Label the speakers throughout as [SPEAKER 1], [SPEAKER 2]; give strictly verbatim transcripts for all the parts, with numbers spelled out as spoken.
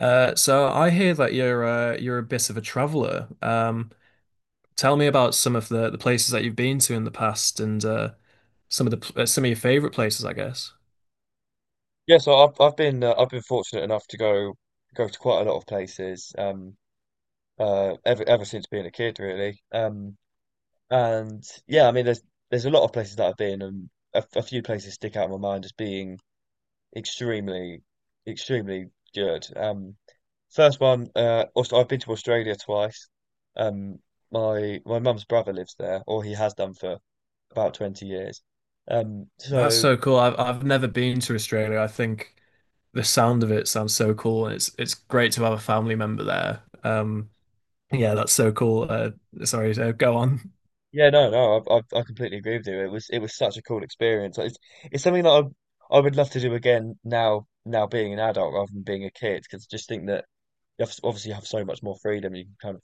[SPEAKER 1] Uh, so I hear that you're uh, you're a bit of a traveler. Um, tell me about some of the, the places that you've been to in the past and uh, some of the pl- uh, some of your favorite places, I guess.
[SPEAKER 2] Yeah, so I've I've been uh, I've been fortunate enough to go go to quite a lot of places um uh ever ever since being a kid, really um and yeah, I mean, there's there's a lot of places that I've been, and a, a few places stick out in my mind as being extremely extremely good. Um first one, uh also I've been to Australia twice. Um my my mum's brother lives there, or he has done for about twenty years. um
[SPEAKER 1] That's
[SPEAKER 2] so
[SPEAKER 1] so cool. I've I've never been to Australia. I think the sound of it sounds so cool, and it's it's great to have a family member there. Um, yeah, that's so cool. Uh, sorry, uh, go on.
[SPEAKER 2] Yeah, no, no, I, I, I completely agree with you. It was it was such a cool experience. Like, It's it's something that I I would love to do again, now now being an adult rather than being a kid, because I just think that you have, obviously, you have so much more freedom. You can kind of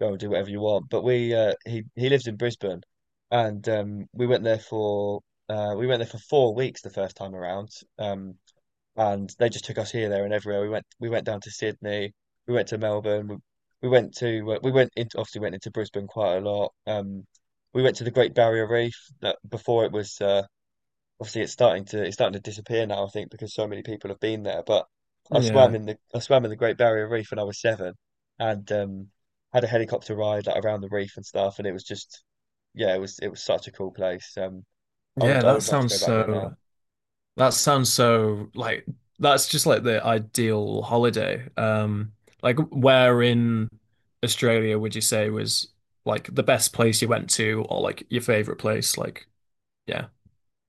[SPEAKER 2] go and do whatever you want. But we uh, he he lives in Brisbane, and um, we went there for uh, we went there for four weeks the first time around. Um, and they just took us here, there, and everywhere. We went we went down to Sydney, we went to Melbourne, we, we went to uh, we went into obviously went into Brisbane quite a lot. Um, we went to the Great Barrier Reef that before it was uh, obviously it's starting to it's starting to disappear now, I think, because so many people have been there. But I swam
[SPEAKER 1] Yeah,
[SPEAKER 2] in the I swam in the Great Barrier Reef when I was seven, and um, had a helicopter ride like around the reef and stuff, and it was just yeah, it was it was such a cool place. Um, I
[SPEAKER 1] yeah,
[SPEAKER 2] would I
[SPEAKER 1] that
[SPEAKER 2] would love to
[SPEAKER 1] sounds
[SPEAKER 2] go back there now.
[SPEAKER 1] so. That sounds so like that's just like the ideal holiday. Um, like where in Australia would you say was like the best place you went to or like your favorite place? Like, yeah.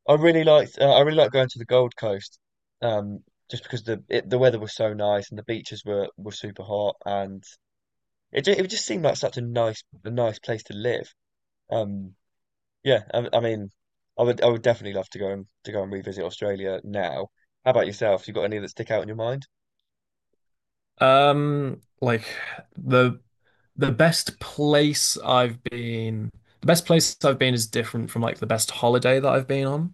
[SPEAKER 2] I really liked uh, I really liked going to the Gold Coast, um, just because the it, the weather was so nice and the beaches were were super hot, and it ju- it just seemed like such a nice a nice place to live. Um, yeah, I, I mean, I would I would definitely love to go and to go and revisit Australia now. How about yourself? You got any that stick out in your mind?
[SPEAKER 1] Um, like the the best place I've been, the best place I've been is different from like the best holiday that I've been on,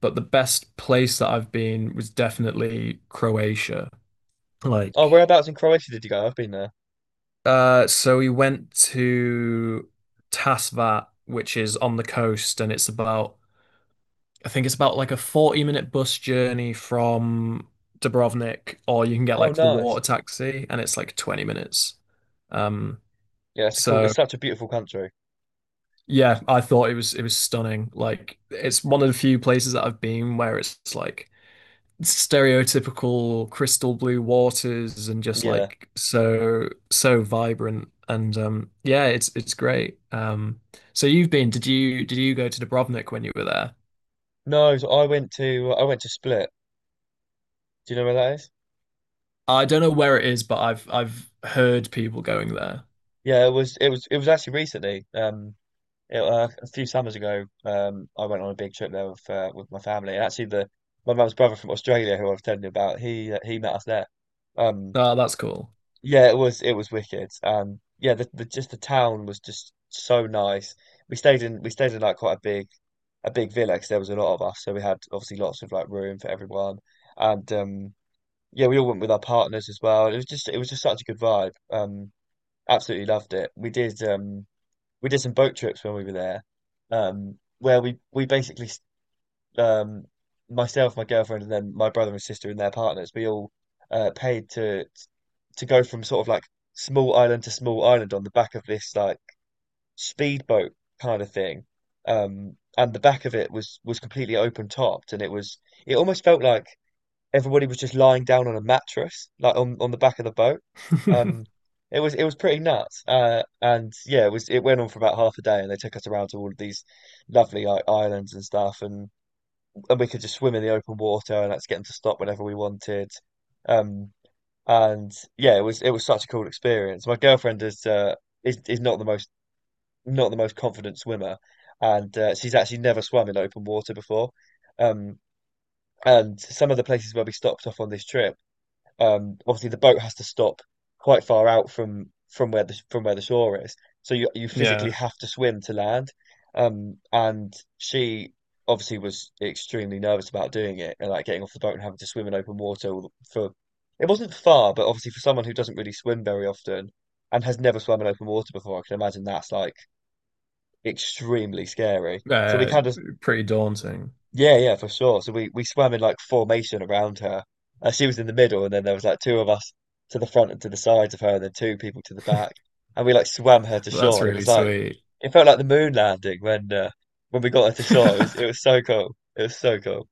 [SPEAKER 1] but the best place that I've been was definitely Croatia.
[SPEAKER 2] Oh,
[SPEAKER 1] Like
[SPEAKER 2] whereabouts in Croatia did you go? I've been there.
[SPEAKER 1] uh, so we went to Tasvat, which is on the coast, and it's about, I think it's about like a forty minute bus journey from Dubrovnik, or you can get
[SPEAKER 2] Oh,
[SPEAKER 1] like the
[SPEAKER 2] nice.
[SPEAKER 1] water taxi, and it's like twenty minutes. Um,
[SPEAKER 2] Yeah, it's a cool. It's
[SPEAKER 1] so
[SPEAKER 2] such a beautiful country.
[SPEAKER 1] yeah, I thought it was it was stunning. Like it's one of the few places that I've been where it's like stereotypical crystal blue waters and just
[SPEAKER 2] Yeah.
[SPEAKER 1] like so so vibrant and um yeah it's it's great. Um so you've been, did you did you go to Dubrovnik when you were there?
[SPEAKER 2] No, so I went to I went to Split. Do you know where that is?
[SPEAKER 1] I don't know where it is, but I've I've heard people going there.
[SPEAKER 2] Yeah, it was it was it was actually recently. Um, It, uh, a few summers ago, um, I went on a big trip there with uh, with my family, and actually the my mum's brother from Australia, who I was telling you about, he uh, he met us there. Um,
[SPEAKER 1] Oh, that's cool.
[SPEAKER 2] yeah, it was it was wicked. Um, yeah, the, the just the town was just so nice. We stayed in we stayed in like quite a big a big villa, because there was a lot of us, so we had obviously lots of like room for everyone, and um, yeah, we all went with our partners as well. It was just it was just such a good vibe. Um, absolutely loved it. We did. Um, we did some boat trips when we were there, um, where we we basically, um, myself, my girlfriend, and then my brother and sister and their partners, we all uh, paid to to go from sort of like small island to small island on the back of this like speedboat kind of thing. Um, and the back of it was was completely open topped, and it was it almost felt like everybody was just lying down on a mattress, like on, on the back of the boat. Um, it was it was pretty nuts. Uh, and yeah, it was it went on for about half a day, and they took us around to all of these lovely like islands and stuff, and and we could just swim in the open water, and that's get them to stop whenever we wanted. Um, and yeah, it was it was such a cool experience. My girlfriend is uh is is not the most not the most confident swimmer, and uh, she's actually never swum in open water before. Um, and some of the places where we stopped off on this trip, um obviously the boat has to stop quite far out from from where the from where the shore is, so you you
[SPEAKER 1] Yeah,
[SPEAKER 2] physically have to swim to land. Um and she obviously was extremely nervous about doing it, and like getting off the boat and having to swim in open water for, it wasn't far, but obviously for someone who doesn't really swim very often and has never swum in open water before, I can imagine that's like extremely scary. So we
[SPEAKER 1] uh,
[SPEAKER 2] kind of
[SPEAKER 1] pretty daunting.
[SPEAKER 2] yeah, yeah, for sure. So we we swam in like formation around her. Uh, she was in the middle, and then there was like two of us to the front and to the sides of her, and then two people to the back. And we like swam her to
[SPEAKER 1] That's
[SPEAKER 2] shore. And it
[SPEAKER 1] really
[SPEAKER 2] was like
[SPEAKER 1] sweet.
[SPEAKER 2] it felt like the moon landing when uh, when we got her to shore. It was it was so cool. It was so cool.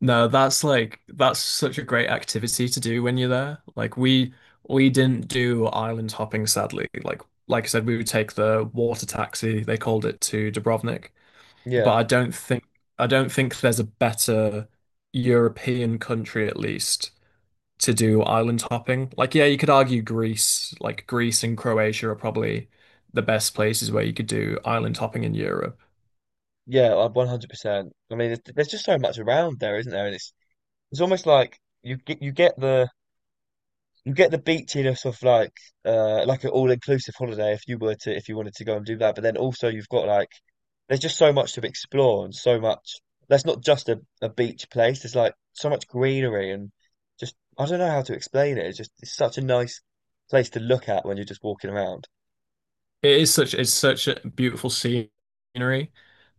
[SPEAKER 1] No, that's like that's such a great activity to do when you're there. Like we we didn't do island hopping, sadly. Like like I said, we would take the water taxi, they called it, to Dubrovnik.
[SPEAKER 2] Yeah,
[SPEAKER 1] But I don't think I don't think there's a better European country, at least to do island hopping. Like yeah, you could argue Greece, like Greece and Croatia are probably the best places where you could do island hopping in Europe.
[SPEAKER 2] yeah, uh, one hundred percent. I mean, there's, there's just so much around there, isn't there? And it's it's almost like you get you get the you get the beachiness of like uh like an all-inclusive holiday, if you were to, if you wanted to go and do that. But then also you've got like there's just so much to explore, and so much that's not just a, a beach place. There's like so much greenery, and just I don't know how to explain it. It's just it's such a nice place to look at when you're just walking around.
[SPEAKER 1] It is such it's such a beautiful scenery.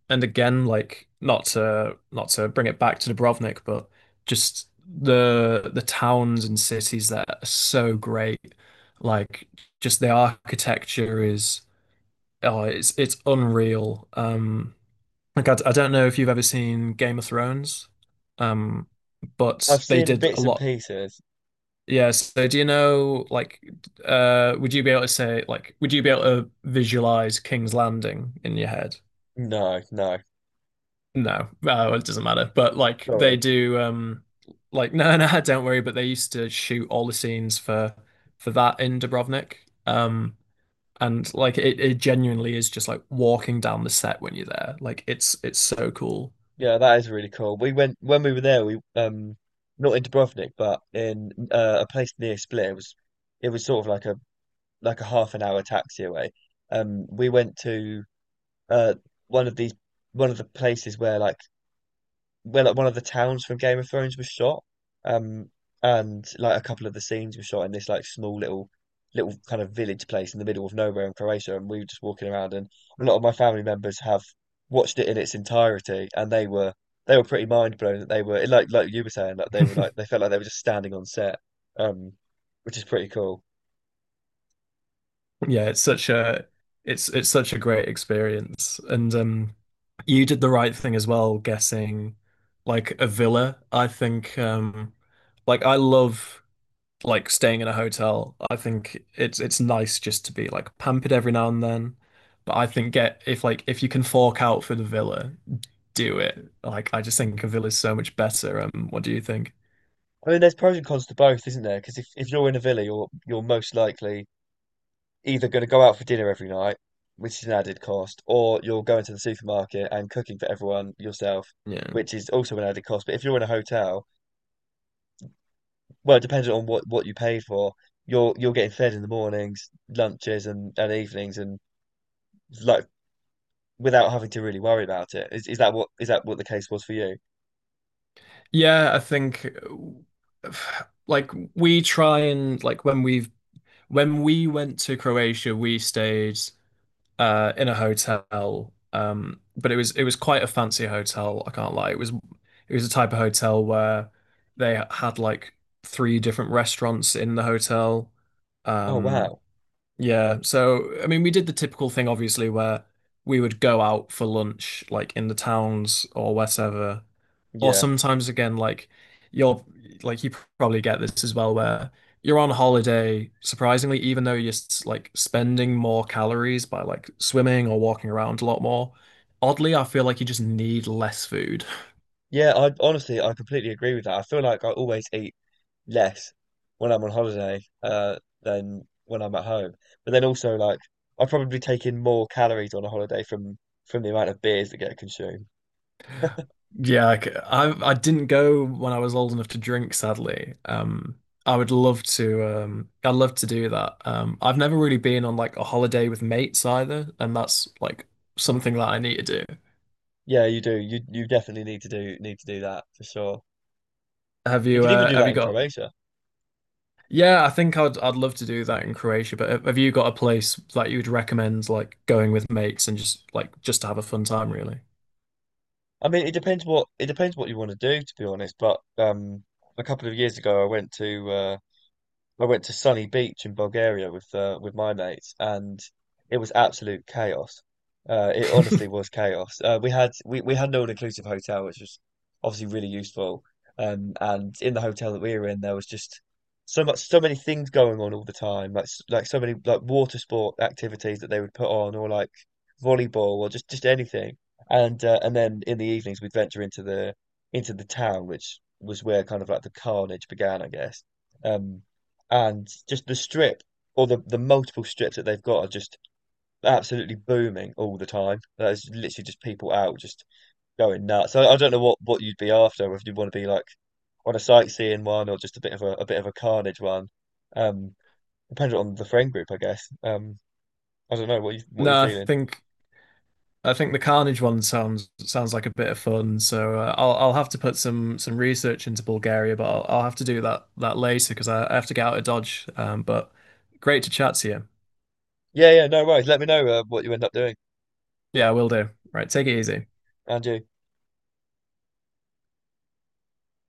[SPEAKER 1] And again, like not to not to bring it back to Dubrovnik, but just the the towns and cities that are so great, like just the architecture is oh, it's it's unreal. Um, like I, I don't know if you've ever seen Game of Thrones, um, but
[SPEAKER 2] I've
[SPEAKER 1] they
[SPEAKER 2] seen
[SPEAKER 1] did a
[SPEAKER 2] bits and
[SPEAKER 1] lot.
[SPEAKER 2] pieces.
[SPEAKER 1] Yeah, so do you know like uh would you be able to say like would you be able to visualize King's Landing in your head?
[SPEAKER 2] No no
[SPEAKER 1] No, uh, well, it doesn't matter. But like they
[SPEAKER 2] sorry.
[SPEAKER 1] do, um, like no, no, don't worry. But they used to shoot all the scenes for for that in Dubrovnik, um, and like it, it genuinely is just like walking down the set when you're there. Like it's it's so cool.
[SPEAKER 2] Yeah, that is really cool. We went when we were there, we um not in Dubrovnik, but in uh, a place near Split. It was it was sort of like a like a half an hour taxi away. Um, we went to uh one of these one of the places where like where like one of the towns from Game of Thrones was shot. Um, and like a couple of the scenes were shot in this like small little little kind of village place in the middle of nowhere in Croatia. And we were just walking around, and a lot of my family members have watched it in its entirety, and they were they were pretty mind blown, that they were like like you were saying, like they were like they felt like they were just standing on set, um, which is pretty cool.
[SPEAKER 1] Yeah, it's such a it's it's such a great experience, and um, you did the right thing as well, guessing like a villa. I think um, like I love. Like staying in a hotel. I think it's it's nice just to be like pampered every now and then. But I think get if like if you can fork out for the villa, do it. Like I just think a villa is so much better. Um, what do you think?
[SPEAKER 2] I mean, there's pros and cons to both, isn't there? Because if, if you're in a villa, you're you're most likely either going to go out for dinner every night, which is an added cost, or you're going to the supermarket and cooking for everyone yourself,
[SPEAKER 1] Yeah.
[SPEAKER 2] which is also an added cost. But if you're in a hotel, well, depending on what, what you paid for, you're you're getting fed in the mornings, lunches, and, and evenings, and like without having to really worry about it. Is is that what is that what the case was for you?
[SPEAKER 1] Yeah, I think uh, like we try and like when we've when we went to Croatia, we stayed uh, in a hotel. Um, but it was it was quite a fancy hotel. I can't lie. It was it was a type of hotel where they had like three different restaurants in the hotel.
[SPEAKER 2] Oh
[SPEAKER 1] Um,
[SPEAKER 2] wow,
[SPEAKER 1] yeah. So, I mean, we did the typical thing, obviously, where we would go out for lunch, like in the towns or whatever. Or
[SPEAKER 2] yeah,
[SPEAKER 1] sometimes, again, like you're like, you probably get this as well, where you're on holiday, surprisingly, even though you're s- like spending more calories by like swimming or walking around a lot more. Oddly, I feel like you just need less food.
[SPEAKER 2] yeah. I honestly I completely agree with that. I feel like I always eat less when I'm on holiday, uh, than when I'm at home. But then also, like, I probably take in more calories on a holiday from from the amount of beers that get consumed.
[SPEAKER 1] Yeah, I, c- I I didn't go when I was old enough to drink, sadly. Um, I would love to. Um, I'd love to do that. Um, I've never really been on like a holiday with mates either, and that's like something that I need to do.
[SPEAKER 2] Yeah, you do. You you definitely need to do need to do that for sure.
[SPEAKER 1] Have
[SPEAKER 2] You
[SPEAKER 1] you?
[SPEAKER 2] could even
[SPEAKER 1] Uh,
[SPEAKER 2] do
[SPEAKER 1] have
[SPEAKER 2] that
[SPEAKER 1] you
[SPEAKER 2] in
[SPEAKER 1] got?
[SPEAKER 2] Croatia.
[SPEAKER 1] Yeah, I think I'd I'd love to do that in Croatia. But have have you got a place that you would recommend like going with mates and just like just to have a fun time, really?
[SPEAKER 2] I mean, it depends what it depends what you want to do, to be honest. But um, a couple of years ago, I went to uh, I went to Sunny Beach in Bulgaria with uh, with my mates, and it was absolute chaos. Uh, it honestly was chaos. Uh, we had we, we had an all-inclusive hotel, which was obviously really useful. Um, and in the hotel that we were in, there was just so much, so many things going on all the time, like s- like so many like water sport activities that they would put on, or like volleyball, or just just anything. And uh, and then in the evenings, we'd venture into the into the town, which was where kind of like the carnage began, I guess. Um, and just the strip or the the multiple strips that they've got are just absolutely booming all the time. There's literally just people out just going nuts. I, I don't know what what you'd be after, if you want to be like on a sightseeing one, or just a bit of a, a bit of a carnage one. Um, depends on the friend group, I guess. Um, I don't know what you what you
[SPEAKER 1] No, I
[SPEAKER 2] feeling.
[SPEAKER 1] think. I think the Carnage one sounds sounds like a bit of fun. So uh, I'll I'll have to put some some research into Bulgaria, but I'll, I'll have to do that that later because I, I have to get out of Dodge. Um, but great to chat to you.
[SPEAKER 2] Yeah, yeah, no worries. Let me know uh, what you end up doing,
[SPEAKER 1] Yeah, I will do. Right, take it easy.
[SPEAKER 2] and you.